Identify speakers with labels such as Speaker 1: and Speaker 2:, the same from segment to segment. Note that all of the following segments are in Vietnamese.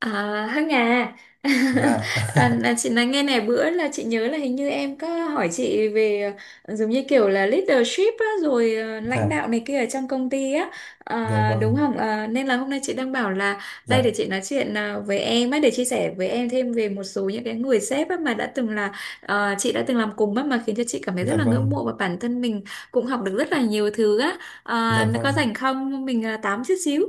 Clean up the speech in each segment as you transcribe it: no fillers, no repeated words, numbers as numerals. Speaker 1: À, Hằng à.
Speaker 2: Dạ.
Speaker 1: Là chị nói nghe này, bữa là chị nhớ là hình như em có hỏi chị về giống như kiểu là leadership á, rồi lãnh
Speaker 2: dạ,
Speaker 1: đạo này kia ở trong công ty á,
Speaker 2: dạ
Speaker 1: à, đúng
Speaker 2: vâng.
Speaker 1: không? À, nên là hôm nay chị đang bảo là đây để
Speaker 2: Dạ,
Speaker 1: chị nói chuyện với em á, để chia sẻ với em thêm về một số những cái người sếp á, mà đã từng là chị đã từng làm cùng á, mà khiến cho chị cảm thấy rất
Speaker 2: dạ
Speaker 1: là
Speaker 2: vâng.
Speaker 1: ngưỡng mộ và bản thân mình cũng học được rất là nhiều thứ á.
Speaker 2: Dạ
Speaker 1: À, có
Speaker 2: vâng,
Speaker 1: rảnh không? Mình tám chút xíu.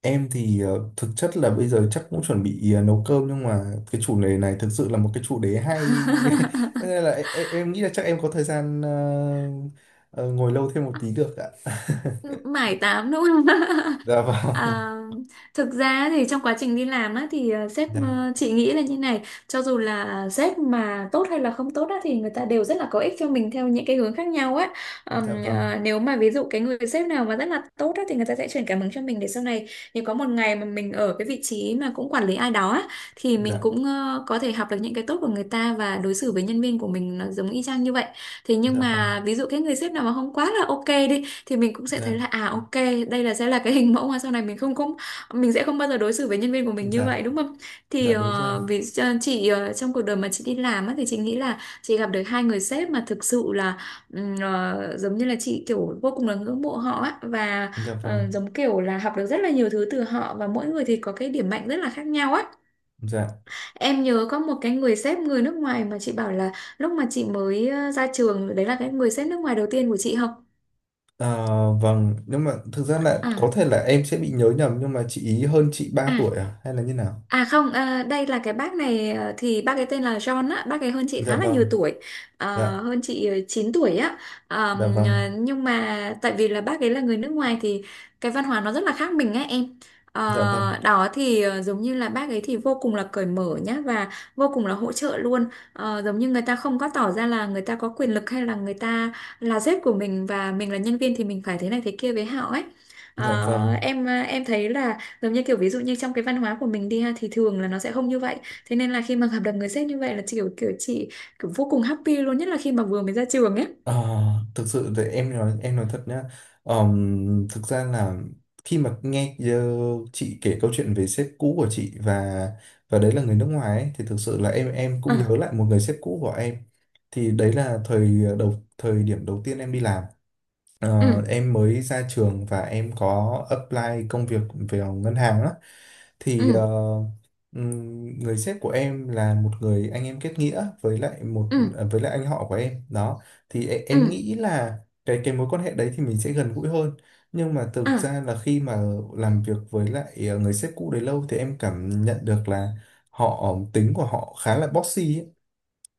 Speaker 2: em thì thực chất là bây giờ chắc cũng chuẩn bị nấu cơm, nhưng mà cái chủ đề này thực sự là một cái chủ đề hay. Thế nên là em nghĩ là chắc em có thời gian ờ, ngồi lâu thêm một tí được ạ.
Speaker 1: Mải tám đúng không?
Speaker 2: dạ vâng.
Speaker 1: À, thực ra thì trong quá trình đi làm á, thì ờ, sếp
Speaker 2: Dạ,
Speaker 1: ờ, chị nghĩ là như này, cho dù là sếp mà tốt hay là không tốt á, thì người ta đều rất là có ích cho mình theo những cái hướng khác nhau á.
Speaker 2: dạ vâng.
Speaker 1: Nếu mà ví dụ cái người sếp nào mà rất là tốt á, thì người ta sẽ truyền cảm hứng cho mình để sau này nếu có một ngày mà mình ở cái vị trí mà cũng quản lý ai đó á, thì mình
Speaker 2: Dạ,
Speaker 1: cũng có thể học được những cái tốt của người ta và đối xử với nhân viên của mình nó giống y chang như vậy. Thế nhưng
Speaker 2: dạ vâng.
Speaker 1: mà ví dụ cái người sếp nào mà không quá là ok đi, thì mình cũng sẽ thấy
Speaker 2: Dạ,
Speaker 1: là à ok, đây là sẽ là cái hình mẫu mà sau này mình sẽ không bao giờ đối xử với nhân viên của mình như
Speaker 2: dạ,
Speaker 1: vậy, đúng không? Thì
Speaker 2: dạ đúng rồi.
Speaker 1: vì trong cuộc đời mà chị đi làm á, thì chị nghĩ là chị gặp được hai người sếp mà thực sự là giống như là chị kiểu vô cùng là ngưỡng mộ họ á, và
Speaker 2: Dạ vâng.
Speaker 1: giống kiểu là học được rất là nhiều thứ từ họ, và mỗi người thì có cái điểm mạnh rất là khác nhau á.
Speaker 2: Dạ.
Speaker 1: Em nhớ có một cái người sếp người nước ngoài mà chị bảo là lúc mà chị mới ra trường đấy là cái người sếp nước ngoài đầu tiên của chị không?
Speaker 2: À, vâng, nhưng mà thực ra là
Speaker 1: à
Speaker 2: có thể là em sẽ bị nhớ nhầm, nhưng mà chị ý hơn chị ba
Speaker 1: à
Speaker 2: tuổi à hay là như nào?
Speaker 1: À không, à, đây là cái bác này, thì bác ấy tên là John á, bác ấy hơn chị
Speaker 2: Dạ
Speaker 1: khá là nhiều
Speaker 2: vâng.
Speaker 1: tuổi, ờ,
Speaker 2: Dạ.
Speaker 1: hơn chị ờ, 9 tuổi á.
Speaker 2: Dạ vâng.
Speaker 1: Nhưng mà tại vì là bác ấy là người nước ngoài thì cái văn hóa nó rất là khác mình á em.
Speaker 2: Dạ vâng.
Speaker 1: Ờ, đó thì giống như là bác ấy thì vô cùng là cởi mở nhá, và vô cùng là hỗ trợ luôn. Ờ, giống như người ta không có tỏ ra là người ta có quyền lực hay là người ta là sếp của mình và mình là nhân viên thì mình phải thế này thế kia với họ ấy.
Speaker 2: Dạ vâng.
Speaker 1: Em thấy là giống như kiểu ví dụ như trong cái văn hóa của mình đi ha, thì thường là nó sẽ không như vậy. Thế nên là khi mà gặp được người sếp như vậy là chị kiểu vô cùng happy luôn, nhất là khi mà vừa mới ra trường ấy.
Speaker 2: À, thực sự thì em nói thật nhá. Thực ra là khi mà nghe chị kể câu chuyện về sếp cũ của chị, và đấy là người nước ngoài ấy, thì thực sự là em cũng
Speaker 1: À,
Speaker 2: nhớ lại một người sếp cũ của em. Thì đấy là thời đầu, thời điểm đầu tiên em đi làm. Ờ,
Speaker 1: ừ,
Speaker 2: em mới ra trường và em có apply công việc về ngân hàng á. Thì
Speaker 1: ừ,
Speaker 2: người sếp của em là một người anh em kết nghĩa với lại một,
Speaker 1: ừ,
Speaker 2: à, với lại anh họ của em đó. Thì em
Speaker 1: ừ,
Speaker 2: nghĩ là cái mối quan hệ đấy thì mình sẽ gần gũi hơn, nhưng mà thực
Speaker 1: à,
Speaker 2: ra là khi mà làm việc với lại người sếp cũ đấy lâu thì em cảm nhận được là họ, tính của họ khá là bossy ấy.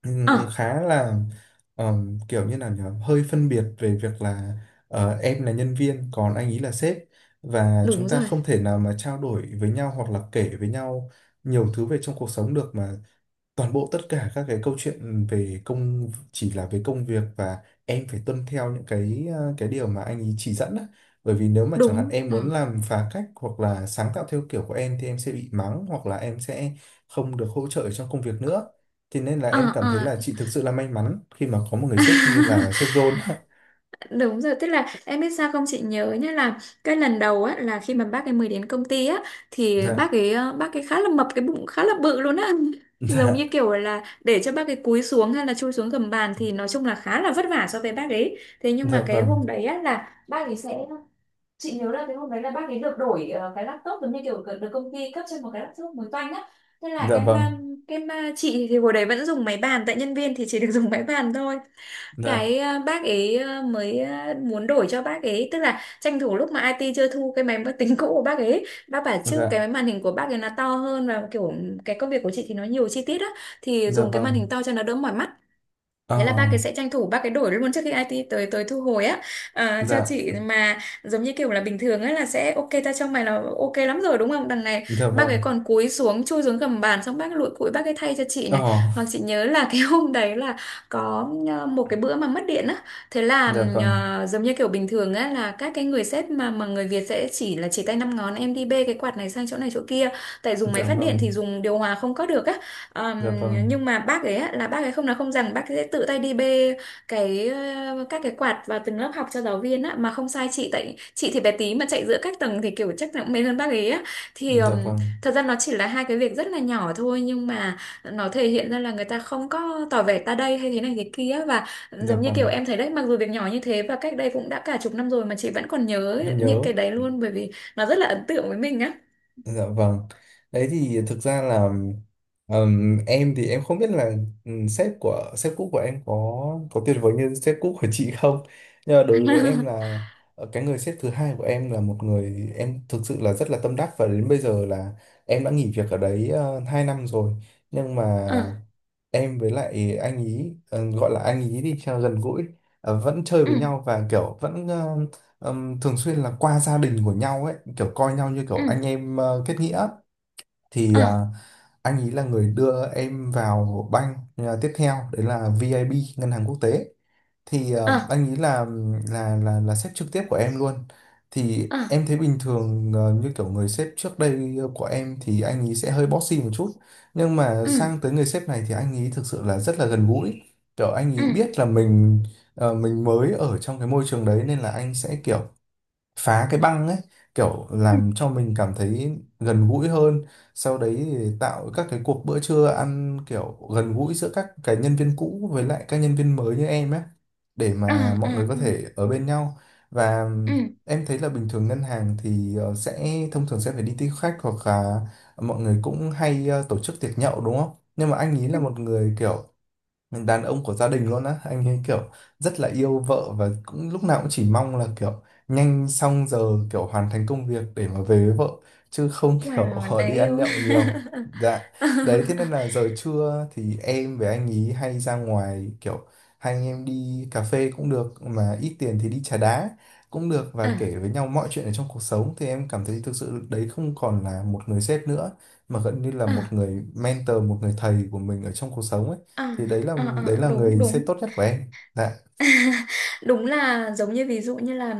Speaker 1: à,
Speaker 2: Khá là kiểu như là nhở, hơi phân biệt về việc là em là nhân viên còn anh ấy là sếp, và chúng
Speaker 1: đúng
Speaker 2: ta
Speaker 1: rồi.
Speaker 2: không thể nào mà trao đổi với nhau hoặc là kể với nhau nhiều thứ về trong cuộc sống được, mà toàn bộ tất cả các cái câu chuyện về công chỉ là về công việc, và em phải tuân theo những cái cái điều mà anh ấy chỉ dẫn á. Bởi vì nếu mà chẳng hạn
Speaker 1: Đúng.
Speaker 2: em
Speaker 1: Ừ.
Speaker 2: muốn làm phá cách hoặc là sáng tạo theo kiểu của em thì em sẽ bị mắng, hoặc là em sẽ không được hỗ trợ trong công việc nữa. Thế nên là
Speaker 1: À,
Speaker 2: em cảm thấy
Speaker 1: à,
Speaker 2: là chị thực sự là may mắn khi mà có một người sếp như là sếp John.
Speaker 1: đúng rồi, tức là em biết sao không, chị nhớ nhá là cái lần đầu á, là khi mà bác ấy mới đến công ty á, thì
Speaker 2: Dạ.
Speaker 1: bác ấy khá là mập, cái bụng khá là bự luôn á. Giống
Speaker 2: Dạ.
Speaker 1: như kiểu là để cho bác ấy cúi xuống hay là chui xuống gầm bàn thì nói chung là khá là vất vả so với bác ấy. Thế nhưng
Speaker 2: Dạ
Speaker 1: mà cái
Speaker 2: vâng.
Speaker 1: hôm đấy á là bác ấy sẽ chị nhớ là cái hôm đấy là bác ấy được đổi cái laptop, giống như kiểu được được công ty cấp cho một cái laptop mới toanh á. Thế là
Speaker 2: Dạ vâng.
Speaker 1: cái ma chị thì hồi đấy vẫn dùng máy bàn, tại nhân viên thì chỉ được dùng máy bàn thôi.
Speaker 2: Dạ.
Speaker 1: Bác ấy muốn đổi cho bác ấy, tức là tranh thủ lúc mà IT chưa thu cái máy tính cũ của bác ấy, bác bảo chứ
Speaker 2: Dạ.
Speaker 1: cái màn hình của bác ấy nó to hơn và kiểu cái công việc của chị thì nó nhiều chi tiết á, thì
Speaker 2: Dạ
Speaker 1: dùng cái màn
Speaker 2: vâng.
Speaker 1: hình to cho nó đỡ mỏi mắt.
Speaker 2: ờ,
Speaker 1: Thế là ba cái sẽ tranh thủ ba cái đổi luôn trước khi IT tới tới thu hồi á, à, cho
Speaker 2: dạ.
Speaker 1: chị mà giống như kiểu là bình thường ấy là sẽ ok ta trong mày là ok lắm rồi đúng không, đằng này
Speaker 2: Dạ
Speaker 1: ba cái
Speaker 2: vâng.
Speaker 1: còn cúi xuống chui xuống gầm bàn xong bác lụi cụi bác cái thay cho chị
Speaker 2: ờ,
Speaker 1: này. Hoặc chị nhớ là cái hôm đấy là có một cái bữa mà mất điện á. Thế là
Speaker 2: dạ vâng.
Speaker 1: giống như kiểu bình thường á là các cái người sếp mà người Việt sẽ chỉ tay năm ngón, em đi bê cái quạt này sang chỗ này chỗ kia, tại dùng máy
Speaker 2: Dạ
Speaker 1: phát điện
Speaker 2: vâng.
Speaker 1: thì dùng điều hòa không có được á.
Speaker 2: Dạ
Speaker 1: Ờm,
Speaker 2: vâng.
Speaker 1: nhưng mà bác ấy á, là bác ấy không nói không rằng bác ấy sẽ tự tay đi bê các cái quạt vào từng lớp học cho giáo viên á, mà không sai chị tại chị thì bé tí mà chạy giữa các tầng thì kiểu chắc là cũng mệt hơn bác ấy á. Thì
Speaker 2: Dạ vâng.
Speaker 1: Thật ra nó chỉ là hai cái việc rất là nhỏ thôi, nhưng mà nó thể hiện ra là người ta không có tỏ vẻ ta đây hay thế này thế kia, và
Speaker 2: Dạ
Speaker 1: giống như kiểu
Speaker 2: vâng.
Speaker 1: em thấy đấy, mặc dù việc nhỏ như thế và cách đây cũng đã cả chục năm rồi mà chị vẫn còn nhớ
Speaker 2: Vẫn
Speaker 1: những
Speaker 2: nhớ.
Speaker 1: cái đấy luôn, bởi vì nó rất là ấn tượng với mình á.
Speaker 2: Dạ vâng. Đấy thì thực ra là, em thì em không biết là, sếp của, sếp cũ của em có tuyệt vời như sếp cũ của chị không. Nhưng mà đối với em là cái người sếp thứ hai của em là một người em thực sự là rất là tâm đắc, và đến bây giờ là em đã nghỉ việc ở đấy 2 năm rồi. Nhưng mà
Speaker 1: ờ
Speaker 2: em với lại anh ý, gọi là anh ý đi cho gần gũi, vẫn chơi
Speaker 1: ừ
Speaker 2: với nhau và kiểu vẫn thường xuyên là qua gia đình của nhau ấy, kiểu coi nhau như kiểu
Speaker 1: ừ ừ
Speaker 2: anh em kết nghĩa. Thì
Speaker 1: ờ
Speaker 2: anh ý là người đưa em vào bank tiếp theo đấy là VIB ngân hàng quốc tế, thì
Speaker 1: ờ
Speaker 2: anh nghĩ là là sếp trực tiếp của em luôn. Thì
Speaker 1: ờ.
Speaker 2: em thấy bình thường như kiểu người sếp trước đây của em thì anh ấy sẽ hơi bossy một chút, nhưng mà
Speaker 1: ừ
Speaker 2: sang tới người sếp này thì anh ấy thực sự là rất là gần gũi, kiểu anh
Speaker 1: ừ
Speaker 2: ấy biết là mình mình mới ở trong cái môi trường đấy nên là anh sẽ kiểu phá cái băng ấy, kiểu
Speaker 1: ừ
Speaker 2: làm cho mình cảm thấy gần gũi hơn. Sau đấy thì tạo các cái cuộc bữa trưa ăn kiểu gần gũi giữa các cái nhân viên cũ với lại các nhân viên mới như em ấy, để
Speaker 1: ừ
Speaker 2: mà
Speaker 1: ừ
Speaker 2: mọi người có
Speaker 1: ừ
Speaker 2: thể ở bên nhau. Và
Speaker 1: ừ
Speaker 2: em thấy là bình thường ngân hàng thì sẽ thông thường sẽ phải đi tiếp khách, hoặc là mọi người cũng hay tổ chức tiệc nhậu đúng không, nhưng mà anh ý
Speaker 1: ừ.
Speaker 2: là một người kiểu đàn ông của gia đình luôn á, anh ấy kiểu rất là yêu vợ, và cũng lúc nào cũng chỉ mong là kiểu nhanh xong giờ, kiểu hoàn thành công việc để mà về với vợ, chứ không kiểu
Speaker 1: Wow, đáng
Speaker 2: đi ăn
Speaker 1: yêu.
Speaker 2: nhậu nhiều. Dạ.
Speaker 1: à,
Speaker 2: Đấy, thế nên là giờ trưa thì em với anh ý hay ra ngoài, kiểu hai anh em đi cà phê cũng được, mà ít tiền thì đi trà đá cũng được, và
Speaker 1: à,
Speaker 2: kể với nhau mọi chuyện ở trong cuộc sống. Thì em cảm thấy thực sự đấy không còn là một người sếp nữa, mà gần như là
Speaker 1: ờ,
Speaker 2: một người mentor, một người thầy của mình ở trong cuộc sống ấy.
Speaker 1: ờ,
Speaker 2: Thì đấy là
Speaker 1: Đúng
Speaker 2: người sếp
Speaker 1: đúng.
Speaker 2: tốt nhất của em. Dạ.
Speaker 1: Đúng là giống như ví dụ như là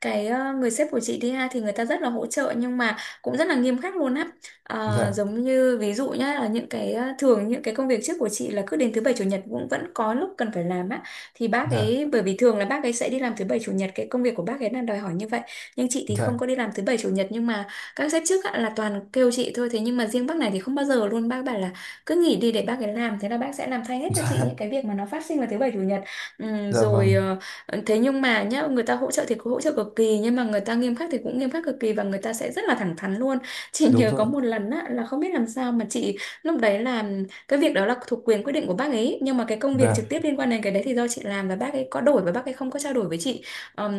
Speaker 1: người sếp của chị đi ha, thì người ta rất là hỗ trợ nhưng mà cũng rất là nghiêm khắc luôn á. Ờ,
Speaker 2: Dạ.
Speaker 1: giống như ví dụ nhá, là những cái thường những cái công việc trước của chị là cứ đến thứ bảy chủ nhật cũng vẫn có lúc cần phải làm á, thì bác
Speaker 2: Dạ.
Speaker 1: ấy, bởi vì thường là bác ấy sẽ đi làm thứ bảy chủ nhật, cái công việc của bác ấy là đòi hỏi như vậy, nhưng chị thì không
Speaker 2: Dạ.
Speaker 1: có đi làm thứ bảy chủ nhật, nhưng mà các sếp trước á, là toàn kêu chị thôi, thế nhưng mà riêng bác này thì không bao giờ luôn, bác bảo là cứ nghỉ đi để bác ấy làm, thế là bác sẽ làm thay hết cho chị
Speaker 2: Dạ.
Speaker 1: những cái việc mà nó phát sinh vào thứ bảy chủ nhật. Ừ,
Speaker 2: Dạ
Speaker 1: rồi
Speaker 2: vâng.
Speaker 1: ờ, Thế nhưng mà nhá, người ta hỗ trợ thì cũng hỗ trợ cực kỳ, nhưng mà người ta nghiêm khắc thì cũng nghiêm khắc cực kỳ, và người ta sẽ rất là thẳng thắn luôn. Chị
Speaker 2: Đúng
Speaker 1: nhớ
Speaker 2: rồi
Speaker 1: có
Speaker 2: ạ.
Speaker 1: một lần á, là không biết làm sao mà chị lúc đấy làm cái việc đó là thuộc quyền quyết định của bác ấy, nhưng mà cái công việc trực
Speaker 2: Dạ.
Speaker 1: tiếp liên quan đến cái đấy thì do chị làm, và bác ấy có đổi và bác ấy không có trao đổi với chị.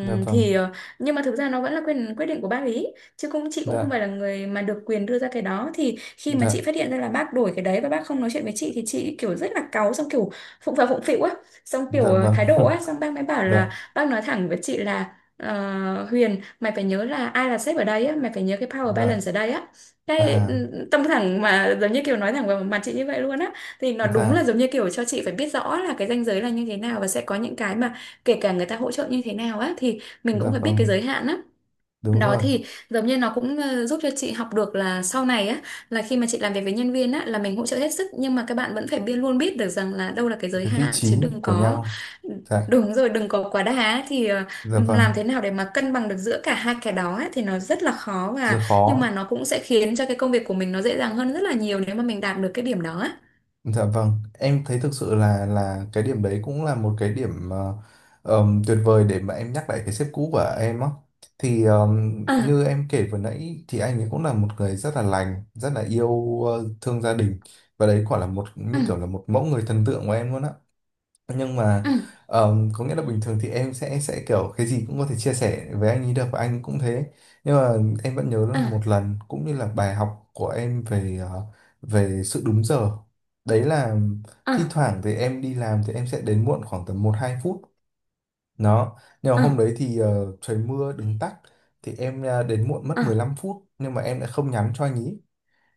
Speaker 2: Dạ vâng.
Speaker 1: thì ờ, nhưng mà thực ra nó vẫn là quyền quyết định của bác ấy chứ chị cũng
Speaker 2: Dạ.
Speaker 1: không phải là người mà được quyền đưa ra cái đó, thì khi mà chị
Speaker 2: Dạ
Speaker 1: phát hiện ra là bác đổi cái đấy và bác không nói chuyện với chị, thì chị kiểu rất là cáu, xong kiểu phụng phà phụng phịu á, xong
Speaker 2: dạ
Speaker 1: kiểu
Speaker 2: vâng.
Speaker 1: thái độ ấy, xong bác mới bảo là
Speaker 2: dạ.
Speaker 1: bác nói thẳng với chị là "Ờ, Huyền, mày phải nhớ là ai là sếp ở đây á, mày phải nhớ cái power
Speaker 2: Dạ.
Speaker 1: balance ở đây á,
Speaker 2: À.
Speaker 1: tâm thẳng" mà giống như kiểu nói thẳng vào mặt chị như vậy luôn á, thì nó đúng là
Speaker 2: Dạ.
Speaker 1: giống như kiểu cho chị phải biết rõ là cái ranh giới là như thế nào, và sẽ có những cái mà kể cả người ta hỗ trợ như thế nào á, thì mình
Speaker 2: Dạ
Speaker 1: cũng phải biết cái
Speaker 2: vâng.
Speaker 1: giới hạn á.
Speaker 2: Đúng
Speaker 1: Đó
Speaker 2: rồi,
Speaker 1: thì giống như nó cũng giúp cho chị học được là sau này á, là khi mà chị làm việc với nhân viên á, là mình hỗ trợ hết sức, nhưng mà các bạn vẫn phải biết, luôn biết được rằng là đâu là cái giới
Speaker 2: cái vị
Speaker 1: hạn,
Speaker 2: trí
Speaker 1: chứ đừng
Speaker 2: của
Speaker 1: có
Speaker 2: nhau. Dạ.
Speaker 1: đúng rồi, đừng có quá đà á. Thì
Speaker 2: Dạ
Speaker 1: làm
Speaker 2: vâng.
Speaker 1: thế nào để mà cân bằng được giữa cả hai cái đó á, thì nó rất là khó,
Speaker 2: Rất
Speaker 1: và nhưng mà
Speaker 2: khó.
Speaker 1: nó cũng sẽ khiến cho cái công việc của mình nó dễ dàng hơn rất là nhiều nếu mà mình đạt được cái điểm đó á.
Speaker 2: Dạ vâng, em thấy thực sự là cái điểm đấy cũng là một cái điểm tuyệt vời để mà em nhắc lại cái sếp cũ của em á. Thì
Speaker 1: Ờ,
Speaker 2: như em kể vừa nãy thì anh ấy cũng là một người rất là lành, rất là yêu thương gia đình, và đấy quả là một,
Speaker 1: ừ,
Speaker 2: như kiểu là một mẫu người thần tượng của em luôn á, nhưng mà
Speaker 1: ừ,
Speaker 2: có nghĩa là bình thường thì em sẽ, kiểu cái gì cũng có thể chia sẻ với anh ấy được, và anh cũng thế. Nhưng mà em vẫn nhớ
Speaker 1: ờ,
Speaker 2: là một lần cũng như là bài học của em về về sự đúng giờ. Đấy là
Speaker 1: ờ,
Speaker 2: thi thoảng thì em đi làm thì em sẽ đến muộn khoảng tầm một hai phút đó, nhưng mà
Speaker 1: ờ,
Speaker 2: hôm đấy thì trời mưa đứng tắc, thì em đến muộn mất 15 phút, nhưng mà em đã không nhắn cho anh ấy.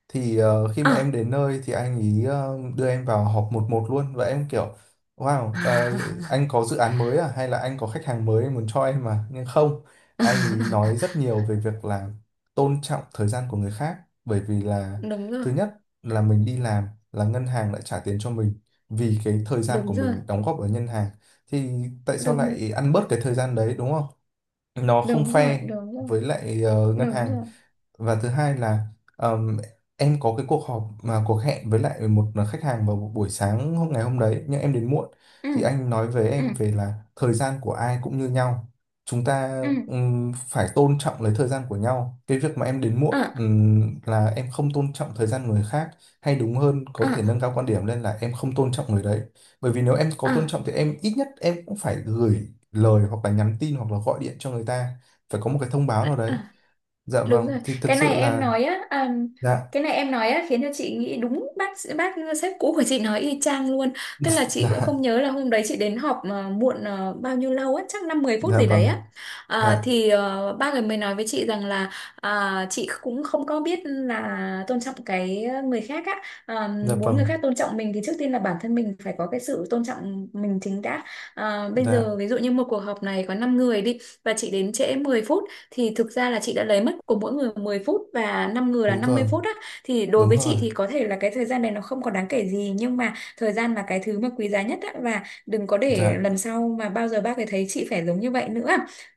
Speaker 2: Thì khi
Speaker 1: ờ,
Speaker 2: mà em đến nơi thì anh ý đưa em vào họp một một luôn, và em kiểu wow,
Speaker 1: ờ.
Speaker 2: anh có dự án mới à hay là anh có khách hàng mới anh muốn cho em, mà nhưng không, anh ý nói rất nhiều về việc là tôn trọng thời gian của người khác. Bởi vì là,
Speaker 1: Đúng rồi,
Speaker 2: thứ nhất là mình đi làm là ngân hàng lại trả tiền cho mình vì cái thời gian của
Speaker 1: đúng rồi,
Speaker 2: mình đóng góp ở ngân hàng, thì tại sao
Speaker 1: đúng.
Speaker 2: lại ăn bớt cái thời gian đấy đúng không, nó không
Speaker 1: Đúng rồi,
Speaker 2: fair
Speaker 1: đúng rồi,
Speaker 2: với lại ngân
Speaker 1: đúng
Speaker 2: hàng.
Speaker 1: rồi.
Speaker 2: Và thứ hai là, ờm, em có cái cuộc họp, mà cuộc hẹn với lại một khách hàng vào buổi sáng hôm, ngày hôm đấy, nhưng em đến muộn.
Speaker 1: Ừ,
Speaker 2: Thì anh nói với
Speaker 1: ừ,
Speaker 2: em về là thời gian của ai cũng như nhau, chúng ta
Speaker 1: ừ,
Speaker 2: phải tôn trọng lấy thời gian của nhau, cái việc mà em đến muộn
Speaker 1: ờ,
Speaker 2: là em không tôn trọng thời gian người khác, hay đúng hơn có
Speaker 1: ờ,
Speaker 2: thể nâng cao quan điểm lên là em không tôn trọng người đấy. Bởi vì nếu em có
Speaker 1: ờ,
Speaker 2: tôn trọng thì em, ít nhất em cũng phải gửi lời hoặc là nhắn tin hoặc là gọi điện cho người ta, phải có một cái thông báo nào đấy.
Speaker 1: ờ.
Speaker 2: Dạ
Speaker 1: Đúng
Speaker 2: vâng,
Speaker 1: rồi,
Speaker 2: thì thực
Speaker 1: cái này
Speaker 2: sự
Speaker 1: em
Speaker 2: là,
Speaker 1: nói á,
Speaker 2: dạ.
Speaker 1: cái này em nói á khiến cho chị nghĩ đúng bác sếp cũ của chị nói y chang luôn. Tức là
Speaker 2: dạ.
Speaker 1: chị cũng không nhớ là hôm đấy chị đến họp mà muộn bao nhiêu lâu á, chắc năm mười phút
Speaker 2: Dạ
Speaker 1: gì đấy
Speaker 2: vâng.
Speaker 1: á.
Speaker 2: Dạ.
Speaker 1: Ba người mới nói với chị rằng là à, chị cũng không có biết là tôn trọng cái người khác á. Ờ,
Speaker 2: Dạ
Speaker 1: muốn
Speaker 2: vâng.
Speaker 1: người khác tôn trọng mình thì trước tiên là bản thân mình phải có cái sự tôn trọng mình chính đã. Ờ, bây
Speaker 2: Dạ.
Speaker 1: giờ ví dụ như một cuộc họp này có 5 người đi, và chị đến trễ 10 phút, thì thực ra là chị đã lấy mất của mỗi người 10 phút, và 5 người là
Speaker 2: Đúng
Speaker 1: 50
Speaker 2: rồi.
Speaker 1: phút á, thì đối
Speaker 2: Đúng
Speaker 1: với
Speaker 2: rồi.
Speaker 1: chị thì có thể là cái thời gian này nó không còn đáng kể gì, nhưng mà thời gian là cái thứ mà quý giá nhất á, và đừng có để
Speaker 2: Dạ.
Speaker 1: lần sau mà bao giờ bác ấy thấy chị phải giống như vậy nữa.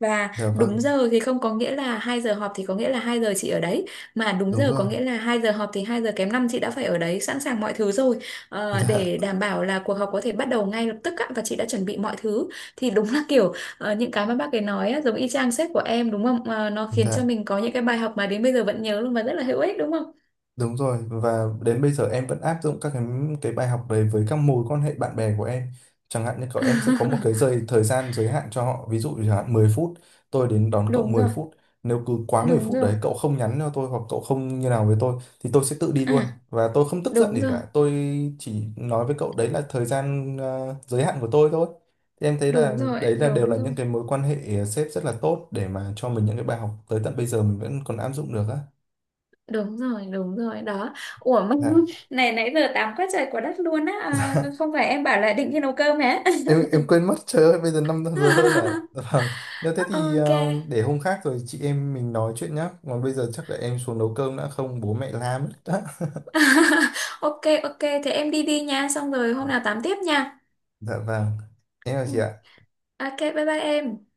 Speaker 1: Và
Speaker 2: Dạ
Speaker 1: đúng
Speaker 2: vâng.
Speaker 1: giờ thì không có nghĩa là 2 giờ họp thì có nghĩa là 2 giờ chị ở đấy, mà đúng
Speaker 2: Đúng
Speaker 1: giờ có
Speaker 2: rồi.
Speaker 1: nghĩa là 2 giờ họp thì 2 giờ kém 5 chị đã phải ở đấy, sẵn sàng mọi thứ rồi. Ờ,
Speaker 2: Dạ.
Speaker 1: để đảm bảo là cuộc họp có thể bắt đầu ngay lập tức á, và chị đã chuẩn bị mọi thứ, thì đúng là kiểu, ờ, những cái mà bác ấy nói á, giống y chang sếp của em đúng không? Ờ, nó khiến cho
Speaker 2: Dạ.
Speaker 1: mình có những cái bài học mà đến bây giờ vẫn nhớ luôn, và rất là hữu ích đúng không?
Speaker 2: Đúng rồi, và đến bây giờ em vẫn áp dụng các cái bài học đấy với các mối quan hệ bạn bè của em. Chẳng hạn như cậu, em sẽ có một cái giới, thời gian giới hạn cho họ, ví dụ chẳng hạn 10 phút, tôi đến đón cậu
Speaker 1: Đúng
Speaker 2: 10
Speaker 1: rồi,
Speaker 2: phút. Nếu cứ quá 10
Speaker 1: đúng
Speaker 2: phút
Speaker 1: rồi,
Speaker 2: đấy cậu không nhắn cho tôi hoặc cậu không như nào với tôi, thì tôi sẽ tự đi luôn
Speaker 1: à,
Speaker 2: và tôi không tức giận
Speaker 1: đúng
Speaker 2: gì
Speaker 1: rồi,
Speaker 2: cả. Tôi chỉ nói với cậu đấy là thời gian giới hạn của tôi thôi. Thì em thấy là
Speaker 1: đúng rồi,
Speaker 2: đấy là đều
Speaker 1: đúng
Speaker 2: là những
Speaker 1: rồi,
Speaker 2: cái mối quan hệ sếp rất là tốt để mà cho mình những cái bài học tới tận bây giờ mình vẫn còn áp dụng được á.
Speaker 1: đúng rồi, đúng rồi, đó. Ủa mà
Speaker 2: Dạ.
Speaker 1: này nãy giờ tám quá trời quá đất luôn á, à, không phải em bảo là định đi nấu cơm hả?
Speaker 2: Em quên mất, trời ơi, bây giờ 5 giờ hơn à. Dạ vâng, nếu thế thì
Speaker 1: Ok.
Speaker 2: để hôm khác rồi chị em mình nói chuyện nhá, còn bây giờ chắc là em xuống nấu cơm đã không bố mẹ la mất đó.
Speaker 1: Ok, ok, thế em đi đi nha, xong rồi hôm nào tám tiếp nha.
Speaker 2: Dạ vâng, em chào
Speaker 1: Ừ.
Speaker 2: chị ạ.
Speaker 1: Ok, bye bye em.